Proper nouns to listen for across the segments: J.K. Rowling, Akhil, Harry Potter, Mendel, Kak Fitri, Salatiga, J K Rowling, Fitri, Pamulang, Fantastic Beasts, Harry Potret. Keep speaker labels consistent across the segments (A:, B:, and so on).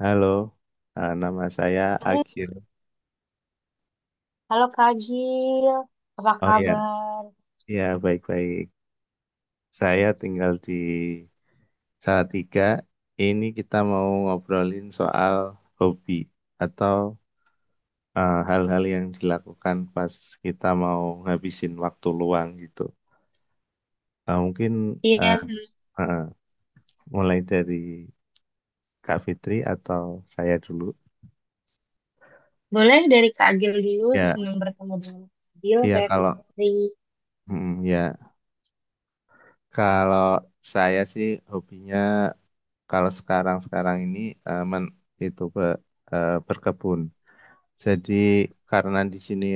A: Halo, nama saya
B: Halo,
A: Akhil.
B: halo Kak Gil, apa
A: Oh ya,
B: kabar?
A: ya baik-baik. Saya tinggal di Salatiga. Ini kita mau ngobrolin soal hobi atau hal-hal yang dilakukan pas kita mau ngabisin waktu luang gitu. Mungkin
B: Iya,
A: eh,
B: senang.
A: eh, mulai dari Kak Fitri atau saya dulu.
B: Boleh dari Kak Agil dulu,
A: Ya,
B: senang bertemu dengan Kak Agil,
A: iya
B: saya
A: kalau
B: Fitri.
A: ya kalau saya sih hobinya kalau sekarang-sekarang ini eh, men- itu be- berkebun. Jadi karena di sini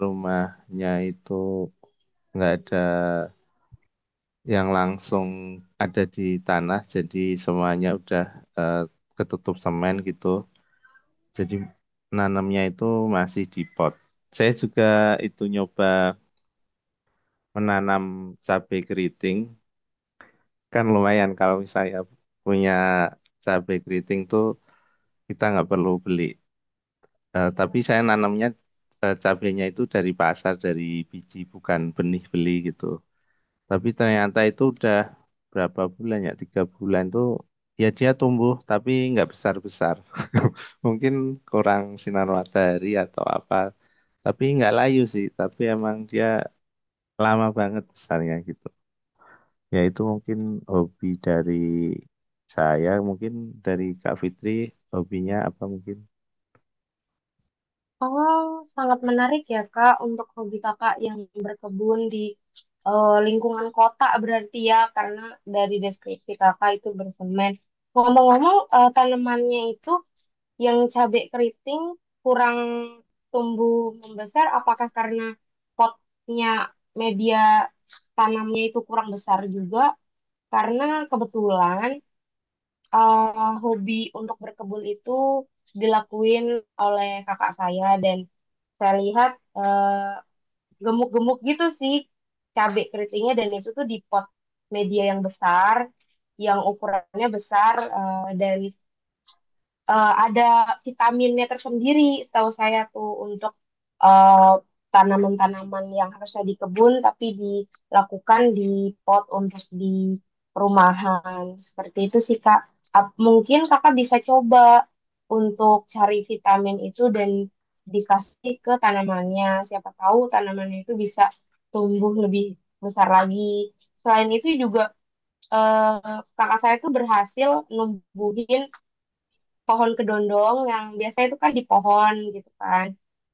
A: rumahnya itu nggak ada yang langsung ada di tanah, jadi semuanya udah eh, ketutup semen gitu. Jadi nanamnya itu masih di pot. Saya juga itu nyoba menanam cabai keriting. Kan lumayan kalau misalnya punya cabai keriting tuh kita nggak perlu beli. Eh, tapi saya nanamnya cabenya itu dari pasar, dari biji, bukan benih beli gitu. Tapi ternyata itu udah berapa bulan ya? Tiga bulan tuh ya dia tumbuh tapi nggak besar-besar. Mungkin kurang sinar matahari atau apa. Tapi nggak layu sih. Tapi emang dia lama banget besarnya gitu. Ya itu mungkin hobi dari saya, mungkin dari Kak Fitri hobinya apa mungkin?
B: Oh, sangat menarik ya Kak untuk hobi Kakak yang berkebun di lingkungan kota berarti ya, karena dari deskripsi Kakak itu bersemen. Ngomong-ngomong, tanamannya itu yang cabai keriting kurang tumbuh membesar, apakah karena potnya media tanamnya itu kurang besar juga? Karena kebetulan hobi untuk berkebun itu dilakuin oleh kakak saya dan saya lihat eh, gemuk-gemuk gitu sih cabai keritingnya dan itu tuh di pot media yang besar, yang ukurannya besar dan ada vitaminnya tersendiri setahu saya tuh untuk eh, tanaman-tanaman yang harusnya di kebun tapi dilakukan di pot untuk di perumahan. Seperti itu sih Kak. Mungkin Kakak bisa coba untuk cari vitamin itu dan dikasih ke tanamannya. Siapa tahu tanamannya itu bisa tumbuh lebih besar lagi. Selain itu juga kakak saya tuh berhasil numbuhin pohon kedondong yang biasanya itu kan di pohon gitu kan.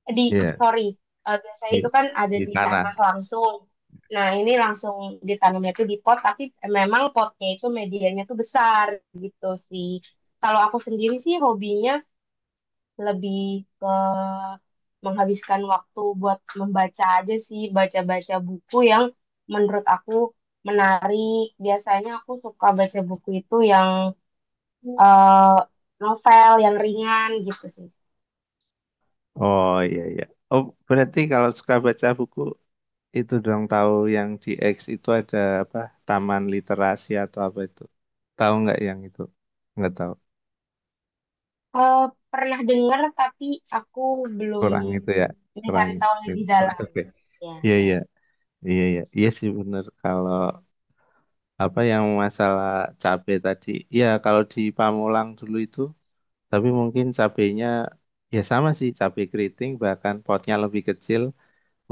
B: Eh, Di
A: Iya,
B: sorry, biasanya
A: di,
B: itu kan ada
A: di
B: di tanah
A: tanah.
B: langsung. Nah ini langsung ditanamnya tuh di pot, tapi memang potnya itu medianya tuh besar gitu sih. Kalau aku sendiri sih hobinya lebih ke menghabiskan waktu buat membaca aja sih, baca-baca buku yang menurut aku menarik. Biasanya aku suka baca buku itu yang eh, novel yang ringan gitu sih.
A: Oh iya iya. Oh berarti kalau suka baca buku itu dong tahu yang di X itu ada apa Taman Literasi atau apa itu? Tahu nggak yang itu? Nggak tahu.
B: Eh, pernah dengar tapi aku belum
A: Kurang itu ya. Kurang
B: mencari tahu
A: itu.
B: lebih
A: Oke
B: dalam.
A: oke.
B: Ya,
A: Iya iya iya iya. Iya sih bener kalau apa yang masalah cabe tadi. Iya kalau di Pamulang dulu itu. Tapi mungkin cabenya ya sama sih cabe keriting bahkan potnya lebih kecil.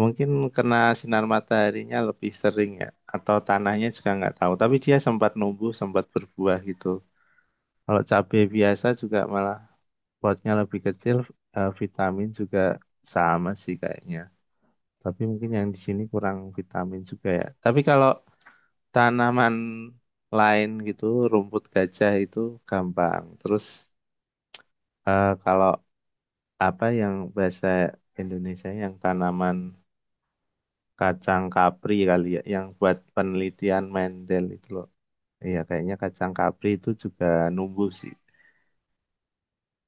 A: Mungkin kena sinar mataharinya lebih sering ya, atau tanahnya juga nggak tahu. Tapi dia sempat numbuh, sempat berbuah gitu. Kalau cabai biasa juga malah potnya lebih kecil, vitamin juga sama sih kayaknya. Tapi mungkin yang di sini kurang vitamin juga ya. Tapi kalau tanaman lain gitu, rumput gajah itu gampang. Terus kalau apa yang bahasa Indonesia yang tanaman kacang kapri kali ya, yang buat penelitian Mendel itu loh. Iya, kayaknya kacang kapri itu juga numbuh sih.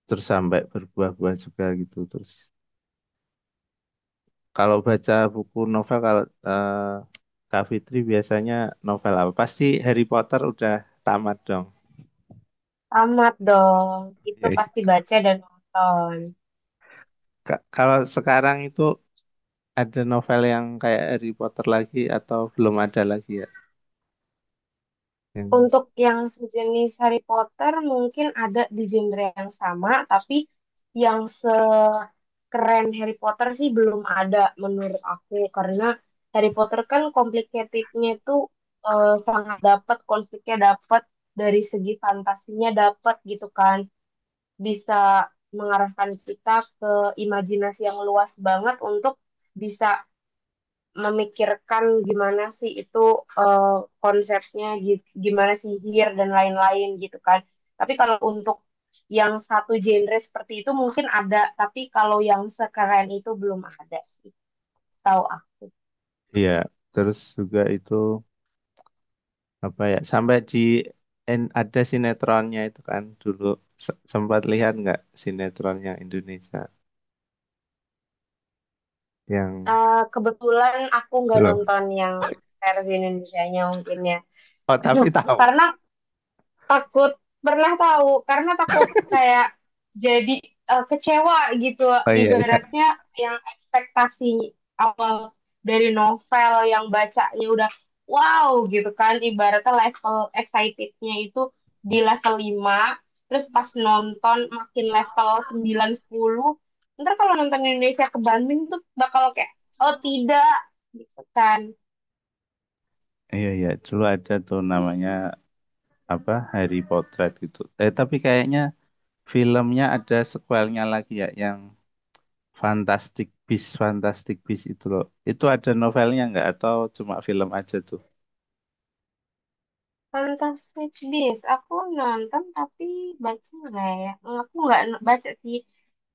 A: Terus sampai berbuah-buah juga gitu. Terus kalau baca buku novel kalau Kak Fitri biasanya novel apa? Pasti Harry Potter udah tamat dong.
B: tamat dong. Itu
A: Iya,
B: pasti
A: iya.
B: baca dan nonton.
A: Kalau sekarang itu ada novel yang kayak Harry Potter lagi atau belum ada lagi ya? Yang-
B: Untuk yang sejenis Harry Potter mungkin ada di genre yang sama, tapi yang sekeren Harry Potter sih belum ada menurut aku. Karena Harry Potter kan complicatednya itu sangat dapat, konfliknya dapat, dari segi fantasinya dapat gitu kan. Bisa mengarahkan kita ke imajinasi yang luas banget untuk bisa memikirkan gimana sih itu eh, konsepnya gitu, gimana sihir dan lain-lain gitu kan. Tapi kalau untuk yang satu genre seperti itu mungkin ada, tapi kalau yang sekeren itu belum ada sih, tahu aku.
A: Iya, terus juga itu. Apa ya sampai di ada sinetronnya itu kan dulu sempat lihat nggak sinetronnya Indonesia yang
B: Eh, kebetulan aku nggak
A: belum.
B: nonton yang versi Indonesia-nya mungkin ya.
A: Oh tapi tahu.
B: Karena takut pernah tahu karena takut kayak jadi kecewa gitu
A: Oh iya iya.
B: ibaratnya yang ekspektasi awal dari novel yang bacanya udah wow gitu kan ibaratnya level excitednya itu di level 5 terus pas nonton makin level 9 10 ntar kalau nonton Indonesia ke Bandung tuh bakal kayak oh tidak gitu kan.
A: Iya, iya. Dulu ada tuh namanya apa Harry Potret gitu. Eh, tapi kayaknya filmnya ada sequelnya lagi ya, yang Fantastic Beasts, Fantastic Beasts itu loh. Itu ada novelnya nggak atau cuma film aja tuh?
B: Tentang Stitch Beast, aku nonton tapi baca nggak ya? Aku nggak n- baca sih,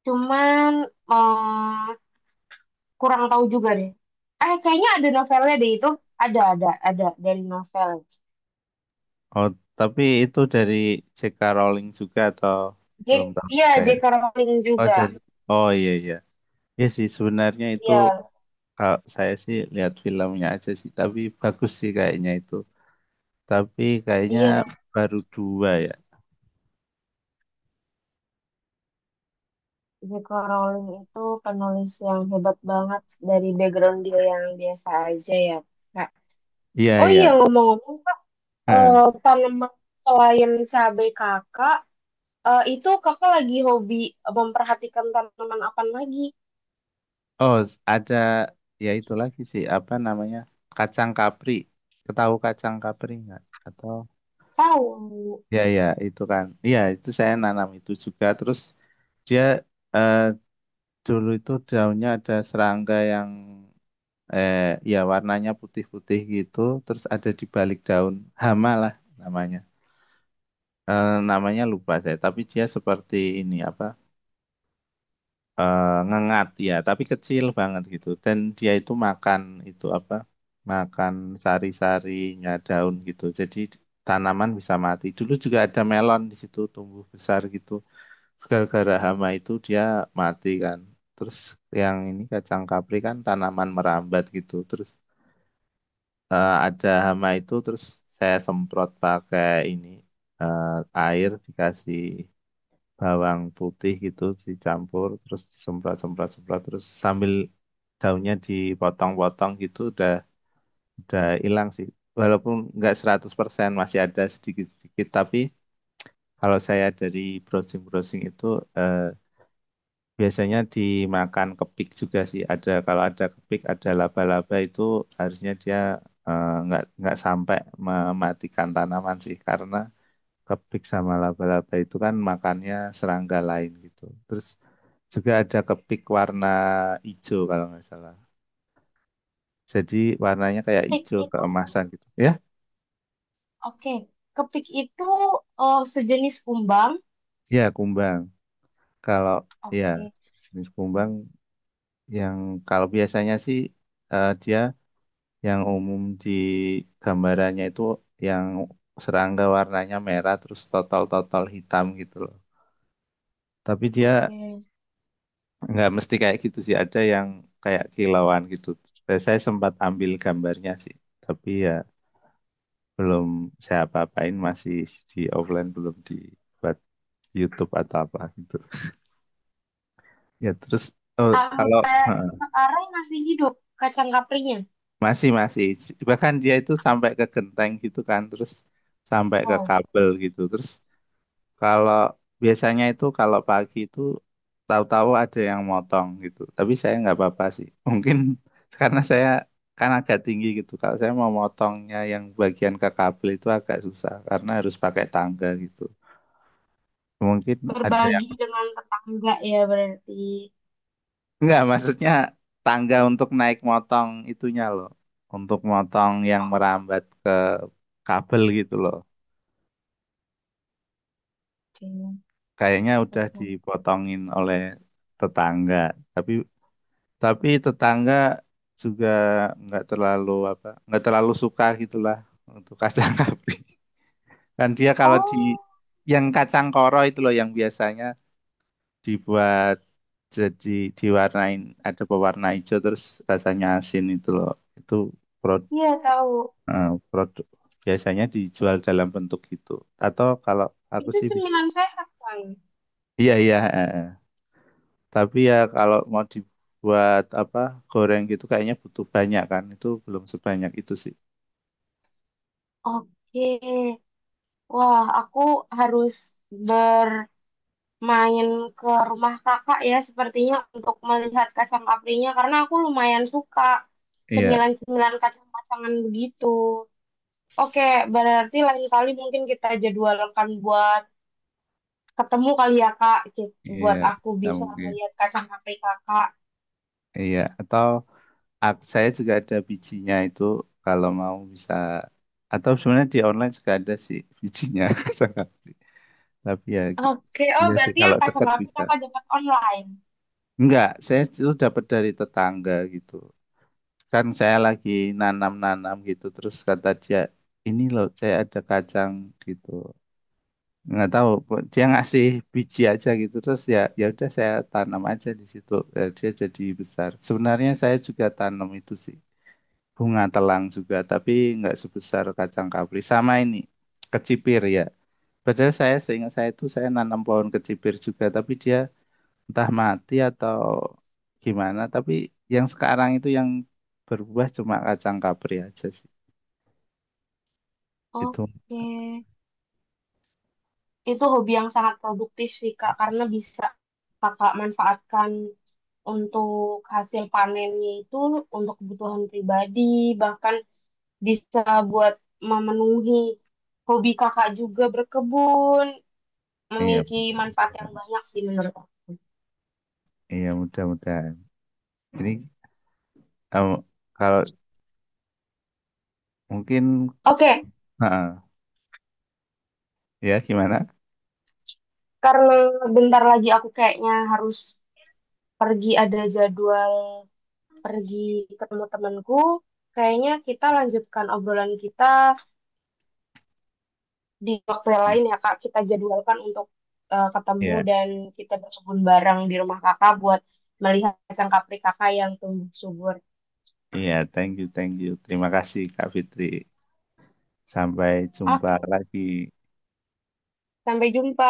B: cuman eh, kurang tahu juga deh. Eh, kayaknya ada novelnya deh itu. Ada dari novel.
A: Oh, tapi itu dari J.K. Rowling juga atau belum
B: J
A: tahu
B: iya,
A: juga
B: J
A: ya?
B: K Rowling
A: Oh,
B: juga.
A: saya, oh iya iya. Ya sih sebenarnya itu
B: Iya,
A: kalau saya sih lihat filmnya aja sih, tapi bagus sih kayaknya itu. Tapi kayaknya
B: iya.
A: baru dua ya.
B: J K Rowling itu penulis yang hebat banget dari background dia yang biasa aja ya, Kak.
A: Iya
B: Oh iya,
A: iya.
B: ngomong-ngomong, Kak,
A: Heeh.
B: eh, tanaman selain cabai kakak, itu kakak lagi hobi memperhatikan tanaman apa lagi?
A: Ada ya itu lagi sih apa namanya kacang kapri. Ketahu kacang kapri nggak? Atau
B: Tahu,
A: ya ya itu kan. Iya itu saya nanam itu juga. Terus dia eh, dulu itu daunnya ada serangga yang eh ya warnanya putih-putih gitu terus ada di balik daun, hama lah namanya. Eh, namanya lupa saya tapi dia seperti ini apa eh, ngengat ya tapi kecil banget gitu dan dia itu makan itu apa makan sari-sarinya daun gitu, jadi tanaman bisa mati. Dulu juga ada melon di situ tumbuh besar gitu gara-gara hama itu dia mati kan. Terus yang ini kacang kapri kan tanaman merambat gitu, terus ada hama itu, terus saya semprot pakai ini eh, air dikasih bawang putih gitu dicampur terus disemprot semprot semprot terus sambil daunnya dipotong-potong gitu udah hilang sih, walaupun nggak 100% masih ada sedikit-sedikit. Tapi kalau saya dari browsing-browsing itu, eh, biasanya dimakan kepik juga sih. Ada kalau ada kepik, ada laba-laba itu harusnya dia nggak sampai mematikan tanaman sih, karena kepik sama laba-laba itu kan makannya serangga lain gitu. Terus juga ada kepik warna hijau kalau nggak salah. Jadi warnanya kayak
B: pik
A: hijau
B: itu,
A: keemasan gitu. Ya,
B: oke. Kepik itu sejenis kumbang,
A: ya kumbang. Kalau ya
B: oke,
A: jenis kumbang yang kalau biasanya sih dia yang umum di gambarannya itu yang serangga warnanya merah terus total-total hitam gitu loh. Tapi dia
B: oke.
A: nggak mesti kayak gitu sih, ada yang kayak kilauan gitu. Dan saya sempat ambil gambarnya sih, tapi ya belum saya apa-apain, masih di offline, belum dibuat YouTube atau apa gitu. Ya terus oh, kalau
B: Sampai
A: heeh,
B: sekarang masih hidup kacang kaprinya.
A: masih masih, bahkan dia itu sampai ke genteng gitu kan, terus sampai ke
B: Wow,
A: kabel gitu, terus kalau biasanya itu kalau pagi itu tahu-tahu ada yang motong gitu. Tapi saya nggak apa-apa sih. Mungkin karena saya kan agak tinggi gitu. Kalau saya mau motongnya yang bagian ke kabel itu agak susah karena harus pakai tangga gitu. Mungkin ada yang
B: berbagi dengan tetangga ya berarti.
A: nggak, maksudnya tangga untuk naik motong itunya loh. Untuk motong yang merambat ke kabel gitu loh.
B: Oke,
A: Kayaknya udah
B: oke.
A: dipotongin oleh tetangga. Tapi Tapi tetangga juga nggak terlalu apa, nggak terlalu suka gitulah untuk kacang kapril. Dan dia kalau di
B: Oh,
A: yang kacang koro itu loh yang biasanya dibuat jadi diwarnain ada pewarna hijau terus rasanya asin itu loh. Itu produk,
B: iya tahu.
A: produk biasanya dijual dalam bentuk gitu. Atau kalau aku
B: Itu
A: sih bisa.
B: cemilan sehat kan?
A: Iya iya. Eh. Tapi ya kalau mau dibuat apa goreng gitu kayaknya butuh banyak kan. Itu belum sebanyak itu sih.
B: Oke, wah aku harus ber main ke rumah kakak ya sepertinya untuk melihat kacang apinya karena aku lumayan suka
A: Iya,
B: cemilan-cemilan kacang-kacangan begitu. Oke, berarti lain kali mungkin kita jadwalkan buat ketemu kali ya Kak,
A: iya,
B: buat aku
A: bisa
B: bisa
A: mungkin.
B: melihat kacang api kakak.
A: Iya, atau saya juga ada bijinya itu kalau mau bisa, atau sebenarnya di online juga ada sih bijinya. Saya nggak beli. Tapi ya gitu.
B: Oke, oh
A: Iya sih
B: berarti yang
A: kalau
B: kacang
A: dekat
B: api
A: bisa.
B: kakak dapat online.
A: Enggak, saya itu dapat dari tetangga gitu. Kan saya lagi nanam-nanam gitu terus kata dia ini loh saya ada kacang gitu. Nggak tahu dia ngasih biji aja gitu terus ya ya udah saya tanam aja di situ. Eh, dia jadi besar. Sebenarnya saya juga tanam itu sih, bunga telang juga, tapi nggak sebesar kacang kapri sama ini kecipir ya, padahal saya seingat saya itu saya nanam pohon kecipir juga tapi dia entah mati atau gimana, tapi yang sekarang itu yang berbuah cuma kacang kapri aja sih itu.
B: Oke, itu hobi yang sangat produktif sih Kak, karena bisa kakak manfaatkan untuk hasil panennya itu untuk kebutuhan pribadi, bahkan bisa buat memenuhi hobi kakak juga berkebun,
A: Iya
B: memiliki manfaat yang
A: mudah-mudahan.
B: banyak sih menurut aku.
A: Iya mudah-mudahan ini kalau kalau mungkin.
B: Oke,
A: Heeh. Ya, gimana?
B: karena bentar lagi aku kayaknya harus pergi ada jadwal pergi ketemu temanku, kayaknya kita lanjutkan obrolan kita di waktu yang lain ya Kak, kita jadwalkan untuk ketemu
A: Ya,
B: dan kita berkebun bareng di rumah Kakak buat melihat cangkapri Kakak yang tumbuh subur.
A: iya, thank you, thank you. Terima kasih, Kak Fitri. Sampai jumpa
B: Oke,
A: lagi.
B: sampai jumpa.